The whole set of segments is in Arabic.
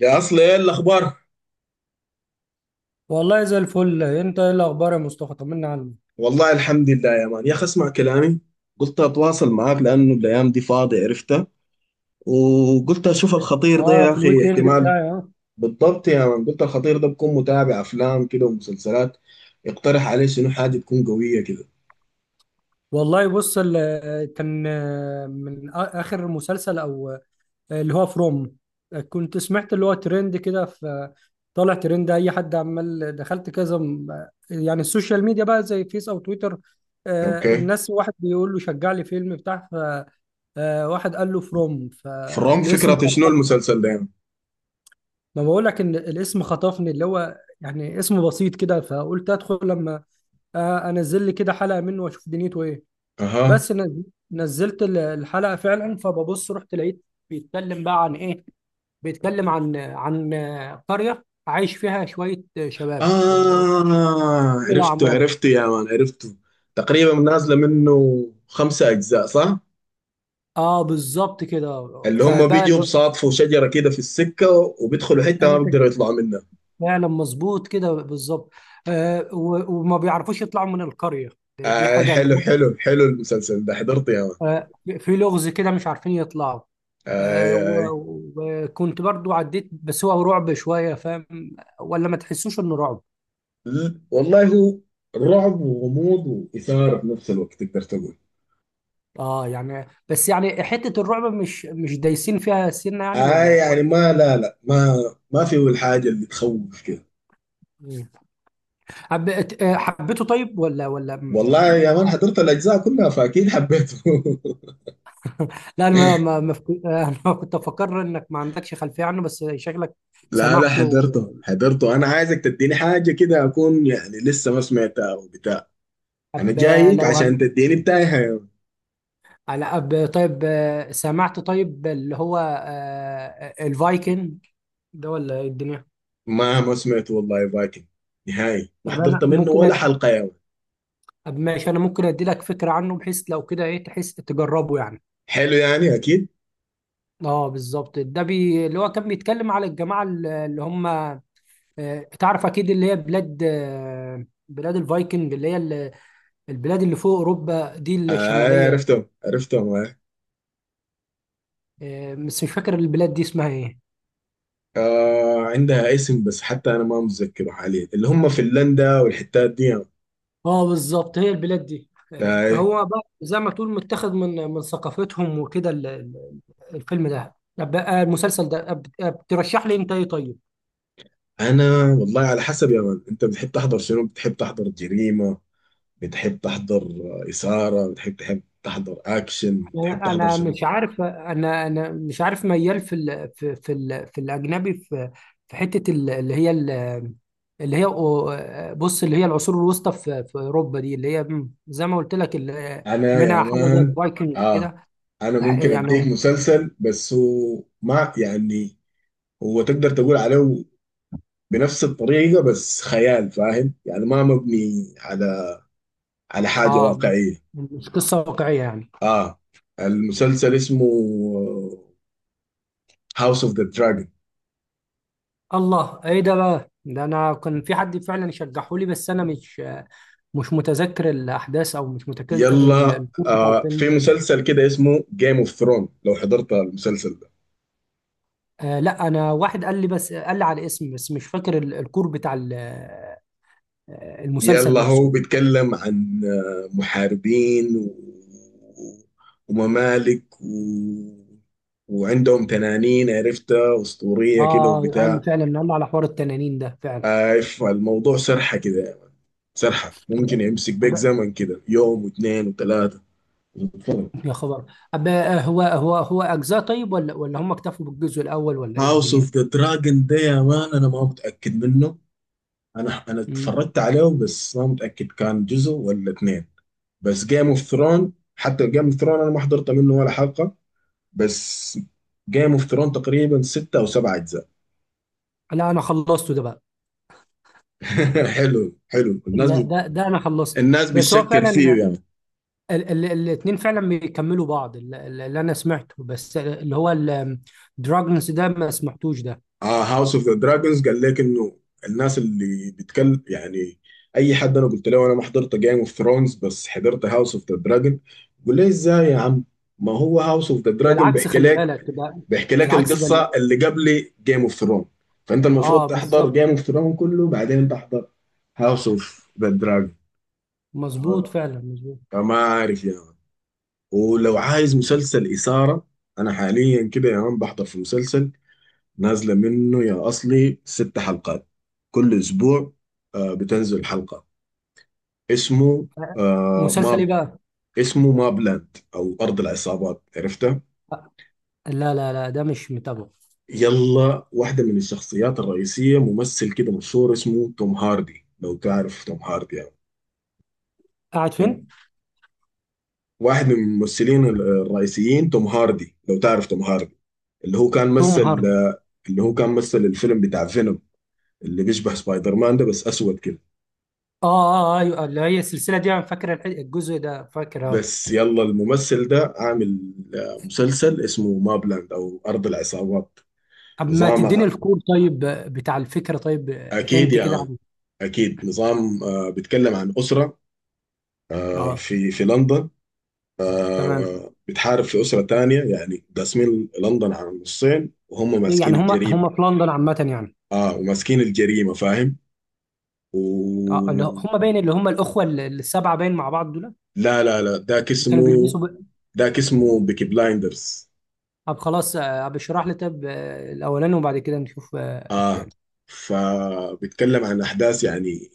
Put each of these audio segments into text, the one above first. يا اصل، ايه الاخبار؟ والله زي الفل، انت ايه الاخبار يا مصطفى؟ طمنا عنك. والله الحمد لله يا مان، يا اخي اسمع كلامي. قلت اتواصل معاك لانه الايام دي فاضي، عرفتها، وقلت اشوف الخطير ده اه، يا في اخي الويك اند احتمال. بتاعي اه. بالضبط يا مان، قلت الخطير ده بكون متابع افلام كده ومسلسلات، يقترح عليه شنو حاجه تكون قويه كده. والله بص، ال- كان آه، من آ- اخر مسلسل او اللي هو فروم. كنت سمعت اللي هو ترند كده. طالع ترند، اي حد عمال دخلت كذا يعني السوشيال ميديا بقى زي فيس او تويتر. اوكي. الناس واحد بيقول له شجع لي فيلم بتاع ف آه، واحد قال له فروم، فروم، فالاسم فكره شنو خطفني. المسلسل ده يا مان؟ ما بقول لك ان الاسم خطفني، اللي هو يعني اسم بسيط كده، فقلت ادخل لما انزل لي كده حلقه منه واشوف دنيته ايه. اها. بس نز- نزلت الحلقه فعلا، فببص رحت لقيت بيتكلم بقى عن ايه. بيتكلم عن قريه عايش فيها شويه شباب وكل اه عرفته الاعمار. عرفته يا مان، عرفته. تقريبا نازله منه 5 اجزاء، صح؟ اه بالظبط كده. اللي هم فبقى بيجوا ال- بصادفوا شجرة كده في السكة، وبيدخلوا حتة ما انت بيقدروا ك- يطلعوا منها. فعلا مظبوط كده بالظبط. وما بيعرفوش يطلعوا من القريه، دي آه حاجه اللي حلو هم، حلو حلو، المسلسل ده حضرته يا مان؟ آه في لغز كده مش عارفين يطلعوا. آه. وكنت برضو عديت، بس هو رعب شوية، فاهم؟ ولا ما تحسوش انه رعب؟ آه والله، هو رعب وغموض وإثارة في نفس الوقت، تقدر تقول. اه يعني، بس يعني حتة الرعب مش دايسين فيها سنة يعني، آه ولا يعني ولا ما، لا لا، ما ما فيه الحاجة اللي تخوف كده. إيه؟ حبيت، حبيته طيب ولا والله يا مان حضرت الأجزاء كلها فأكيد حبيته. لا انا ما ما ما فك- انا كنت افكر انك ما عندكش خلفية عنه، بس شكلك لا لا، سمعته. حضرته حضرته، أنا عايزك تديني حاجة كده أكون يعني لسه ما سمعتها وبتاع. أنا طب جايك لو عشان هن... تديني بتاعي. على أب طيب، سمعت طيب اللي هو الفايكنج ده ولا إيه الدنيا؟ ما سمعت والله، فايكنج نهائي ما طب حضرت انا منه ممكن ولا حلقة يا مان. طب ماشي، انا ممكن ادي لك فكره عنه، بحيث لو كده ايه تحس تجربه يعني. حلو، يعني أكيد. اه بالظبط. ده بي اللي هو كان بيتكلم على الجماعه اللي هم، آه، تعرف اكيد، اللي هي بلاد، آه، بلاد الفايكنج، اللي هي البلاد اللي فوق اوروبا دي آه الشماليه. عرفتهم عرفتهم، آه. آه، بس مش فاكر البلاد دي اسمها ايه. آه، عندها اسم بس حتى أنا ما متذكره حاليا، اللي هم فنلندا والحتات دي يا مان. اه بالظبط، هي البلاد دي آه، آه. هو بقى زي ما تقول متاخد من ثقافتهم وكده. الفيلم ده، طب بقى المسلسل ده ترشح لي انت ايه طيب؟ أنا والله على حسب يا مان، أنت بتحب تحضر شنو؟ بتحب تحضر جريمة؟ بتحب تحضر إثارة؟ بتحب تحضر أكشن؟ بتحب تحضر انا شنو؟ مش عارف، انا مش عارف، ميال في ال في في ال في الاجنبي، في في حته اللي هي بص، اللي هي العصور الوسطى في في اوروبا دي، اللي هي زي ما قلت لك أنا يا منها حاجه زي مان، الفايكنج آه، كده أنا ممكن أديك يعني. مسلسل بس هو ما يعني، هو تقدر تقول عليه بنفس الطريقة بس خيال، فاهم؟ يعني ما مبني على حاجة اه، واقعية. مش قصه واقعيه يعني. اه. المسلسل اسمه هاوس اوف ذا دراجون. الله، ايه ده بقى؟ ده انا كان في حد فعلا شجحه لي، بس انا مش متذكر الاحداث، او مش متذكر يلا، الكور بتاع آه، في الفيلم. مسلسل كده اسمه جيم اوف ثرون، لو حضرت المسلسل ده. آه لا، انا واحد قال لي، بس قال لي على اسم بس، مش فاكر الكور بتاع المسلسل يلا هو نفسه. بيتكلم عن محاربين و... وممالك و... وعندهم تنانين عرفتها أسطورية كده اه قال لي وبتاع. فعلا، قال لي على حوار التنانين ده فعلا. اي، فالموضوع سرحه كده يا مان، سرحه ممكن طب- يمسك بيك طب- زمن كده يوم واثنين وثلاثه. يا خبر. أب آه، هو اجزاء طيب، ولا ولا هم اكتفوا بالجزء الاول ولا ايه هاوس الدنيا؟ اوف ذا دراجون ده يا مان انا ما متاكد منه. انا مم. اتفرجت عليه بس ما متاكد كان جزء ولا اثنين. بس جيم اوف ثرون، حتى جيم اوف ثرون انا ما حضرت منه ولا حلقه. بس جيم اوف ثرون تقريبا 6 او 7 اجزاء. لا، انا خلصته ده بقى. حلو حلو، الناس لا، بت... ده انا خلصت. الناس بس هو بتشكر فيه فعلا يعني. ال ال الاتنين فعلا بيكملوا بعض. اللي انا سمعته بس، اللي هو الدراجونز ده، ما سمعتوش ده. اه، هاوس اوف ذا دراجونز قال لك انه، الناس اللي بتكلم يعني، اي حد انا قلت له انا ما حضرت جيم اوف ثرونز بس حضرت هاوس اوف ذا دراجون، بقول لي ازاي يا عم؟ ما هو هاوس اوف ذا ده دراجون العكس، بيحكي خلي لك بالك. ده بيحكي ده لك العكس ده. القصه اللي قبل جيم اوف ثرون. فانت المفروض اه تحضر جيم بالظبط، اوف ثرون كله بعدين تحضر هاوس اوف ذا دراجون. مظبوط آه، فعلا مظبوط. فما عارف يا مان. ولو عايز مسلسل اثاره، انا حاليا كده يا مان بحضر في مسلسل نازلة منه يا أصلي 6 حلقات، كل أسبوع بتنزل حلقة. اسمه آه، مسلسل ماب، ايه بقى؟ اسمه ماب لاند أو أرض العصابات، عرفتها؟ آه، لا لا لا، ده مش متابعه. يلا، واحدة من الشخصيات الرئيسية ممثل كده مشهور اسمه توم هاردي، لو تعرف توم هاردي يعني. قاعد فين؟ ال- واحد من الممثلين الرئيسيين، توم هاردي، لو تعرف توم هاردي، اللي هو كان توم مثل هاردي. اللي هو كان مثل الفيلم بتاع فينوم، اللي بيشبه سبايدر مان ده بس أسود كده. اه اه، آه، ايوه، اللي هي السلسله دي انا فاكر الجزء ده، فاكر اه. بس يلا، الممثل ده عامل مسلسل اسمه مابلاند او ارض العصابات. طب ما نظام تديني ع- الكور طيب، بتاع الفكره طيب، اكيد هنت يا كده مان، عنه. اكيد. نظام بيتكلم عن اسره اه في لندن، تمام. بتحارب في اسره تانية، يعني قاسمين لندن على نصين وهم ماسكين يعني هما الجريمه. هما في لندن عامه يعني. اه، وماسكين الجريمه، فاهم؟ و... اه، هما باين اللي هما الاخوه السبعه باين مع بعض دول، لا لا لا، ذاك كانوا اسمه، بيلبسوا ب... ذاك اسمه بيكي بلايندرز. طب خلاص، ابشرح لي طب الاولاني، وبعد كده نشوف اه، التاني. فبيتكلم عن احداث يعني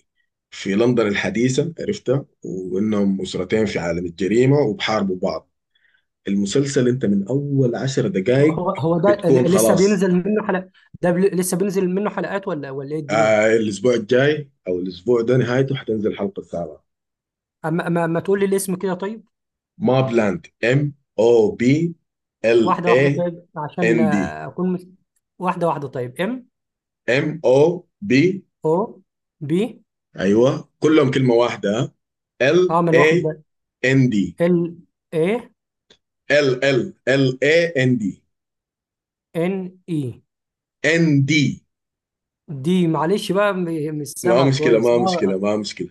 في لندن الحديثه، عرفتها، وانهم اسرتين في عالم الجريمه وبحاربوا بعض. المسلسل انت من اول 10 دقائق هو ده بتكون لسه خلاص. بينزل منه حلقات؟ ده لسه بينزل منه حلقات، ولا ولا ايه الدنيا؟ آه، الاسبوع الجاي او الاسبوع ده نهايته حتنزل الحلقه 7. اما ما, ما تقول لي الاسم كده طيب. ما بلاند. ام او بي ال واحده اي واحده طيب، ان عشان دي اكون مس... واحده واحده طيب. ام MOB. او بي. ايوه، كلهم كلمه واحده. ال اه، ما انا واخد اي بالي. ان دي ال اي ال AND. ان اي ND. دي. معلش بقى، مش ما سامع مشكله كويس ما مشكله اه. ما مشكله.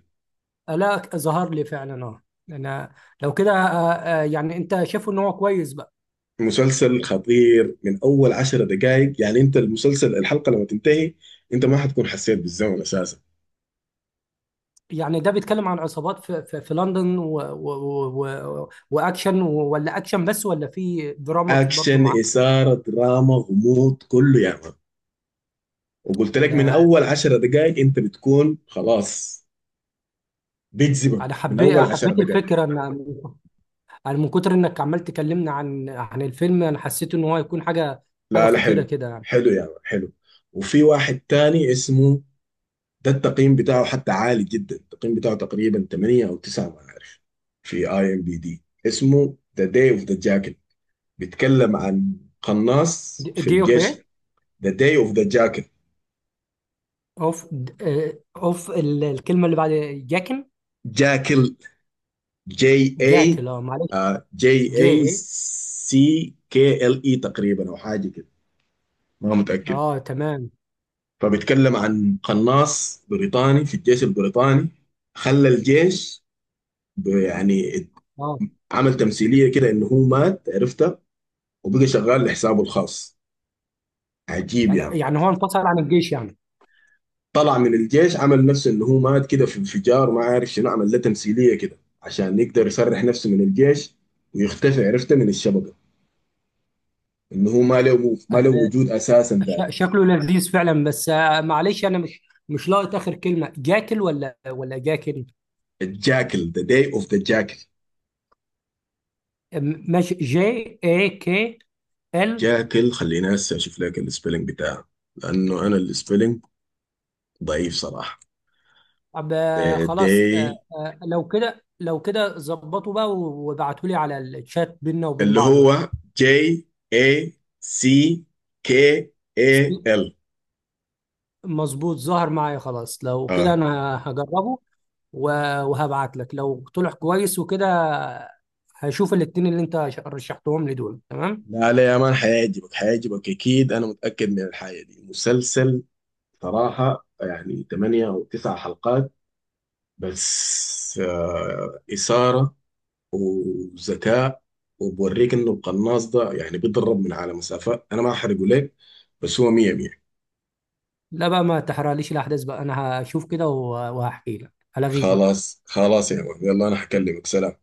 آه، لا ظهر لي فعلا اه. انا لو كده يعني انت شايفه ان هو كويس بقى؟ مسلسل خطير، من اول 10 دقائق يعني انت المسلسل الحلقه لما تنتهي انت ما حتكون حسيت بالزمن اساسا. يعني ده بيتكلم عن عصابات في لندن، و و ولا اكشن بس، ولا في دراما برضو اكشن، معاه؟ اثاره، دراما، غموض، كله يا مان. وقلت لك من انا اول 10 دقائق انت بتكون خلاص، انا بيجذبك من حبيت، اول عشر حبيت دقائق الفكره ان انا من كتر انك عمال تكلمنا عن الفيلم انا حسيت ان هو هيكون حاجه لا لا، خطيره حلو كده يعني. حلو يا مان حلو. وفي واحد تاني اسمه، ده التقييم بتاعه حتى عالي جدا، التقييم بتاعه تقريبا 8 او 9، ما عارف، في IMDb، اسمه ذا داي اوف ذا جاكل. بيتكلم عن قناص في دي اوف ايه؟ الجيش. ذا داي اوف ذا جاكل. اوف د- آه، اوف الكلمه اللي بعد جاكن. جاكل. GI. جاكل، اه معلش. جي جي اي ايه. سي كي ال اي تقريبا او حاجه كده، ما متاكد. اه تمام. فبيتكلم عن قناص بريطاني في الجيش البريطاني، خلى الجيش يعني اه، عمل تمثيليه كده انه هو مات، عرفت، وبقى شغال لحسابه الخاص، عجيب يعني. يعني هو انفصل عن الجيش؟ طلع من الجيش، عمل نفسه انه هو مات كده في انفجار، ما عارف شنو عمل له تمثيليه كده عشان يقدر يسرح نفسه من الجيش ويختفي، عرفته، من الشبكه، انه هو ما له ما له يعني وجود اساسا تاني. شكله لذيذ فعلا، بس معلش، انا مش لاقط اخر كلمه، جاكل ولا ولا جاكل؟ الجاكل، ذا داي اوف ذا جاكل. ماشي، جي اي كي ال. جاكل. خليني هسه اشوف لك السبيلنج بتاعه، لانه انا السبيلنج ضعيف صراحه. طب ذا خلاص، داي، لو كده لو كده ظبطوا بقى وابعتوا لي على الشات بيننا وبين اللي بعض بقى. هو جي، اي، سي، كي، اي ال. مظبوط، ظهر معايا، خلاص. لو كده انا هجربه، وهبعت لك لو طلع كويس وكده. هشوف الاتنين اللي انت رشحتهم لي دول، تمام. لا لا يا مان، حيعجبك حيعجبك اكيد، انا متاكد من الحاجه دي. مسلسل صراحه يعني 8 او 9 حلقات بس، اثاره وذكاء. وبوريك انه القناص ده يعني بيضرب من على مسافات، انا ما احرقه لك، بس هو 100 100. لا بقى، ما تحرقليش الأحداث بقى، أنا هشوف كده وهحكي لك، هلغيك بقى. خلاص خلاص يا مان، يلا انا حكلمك، سلام.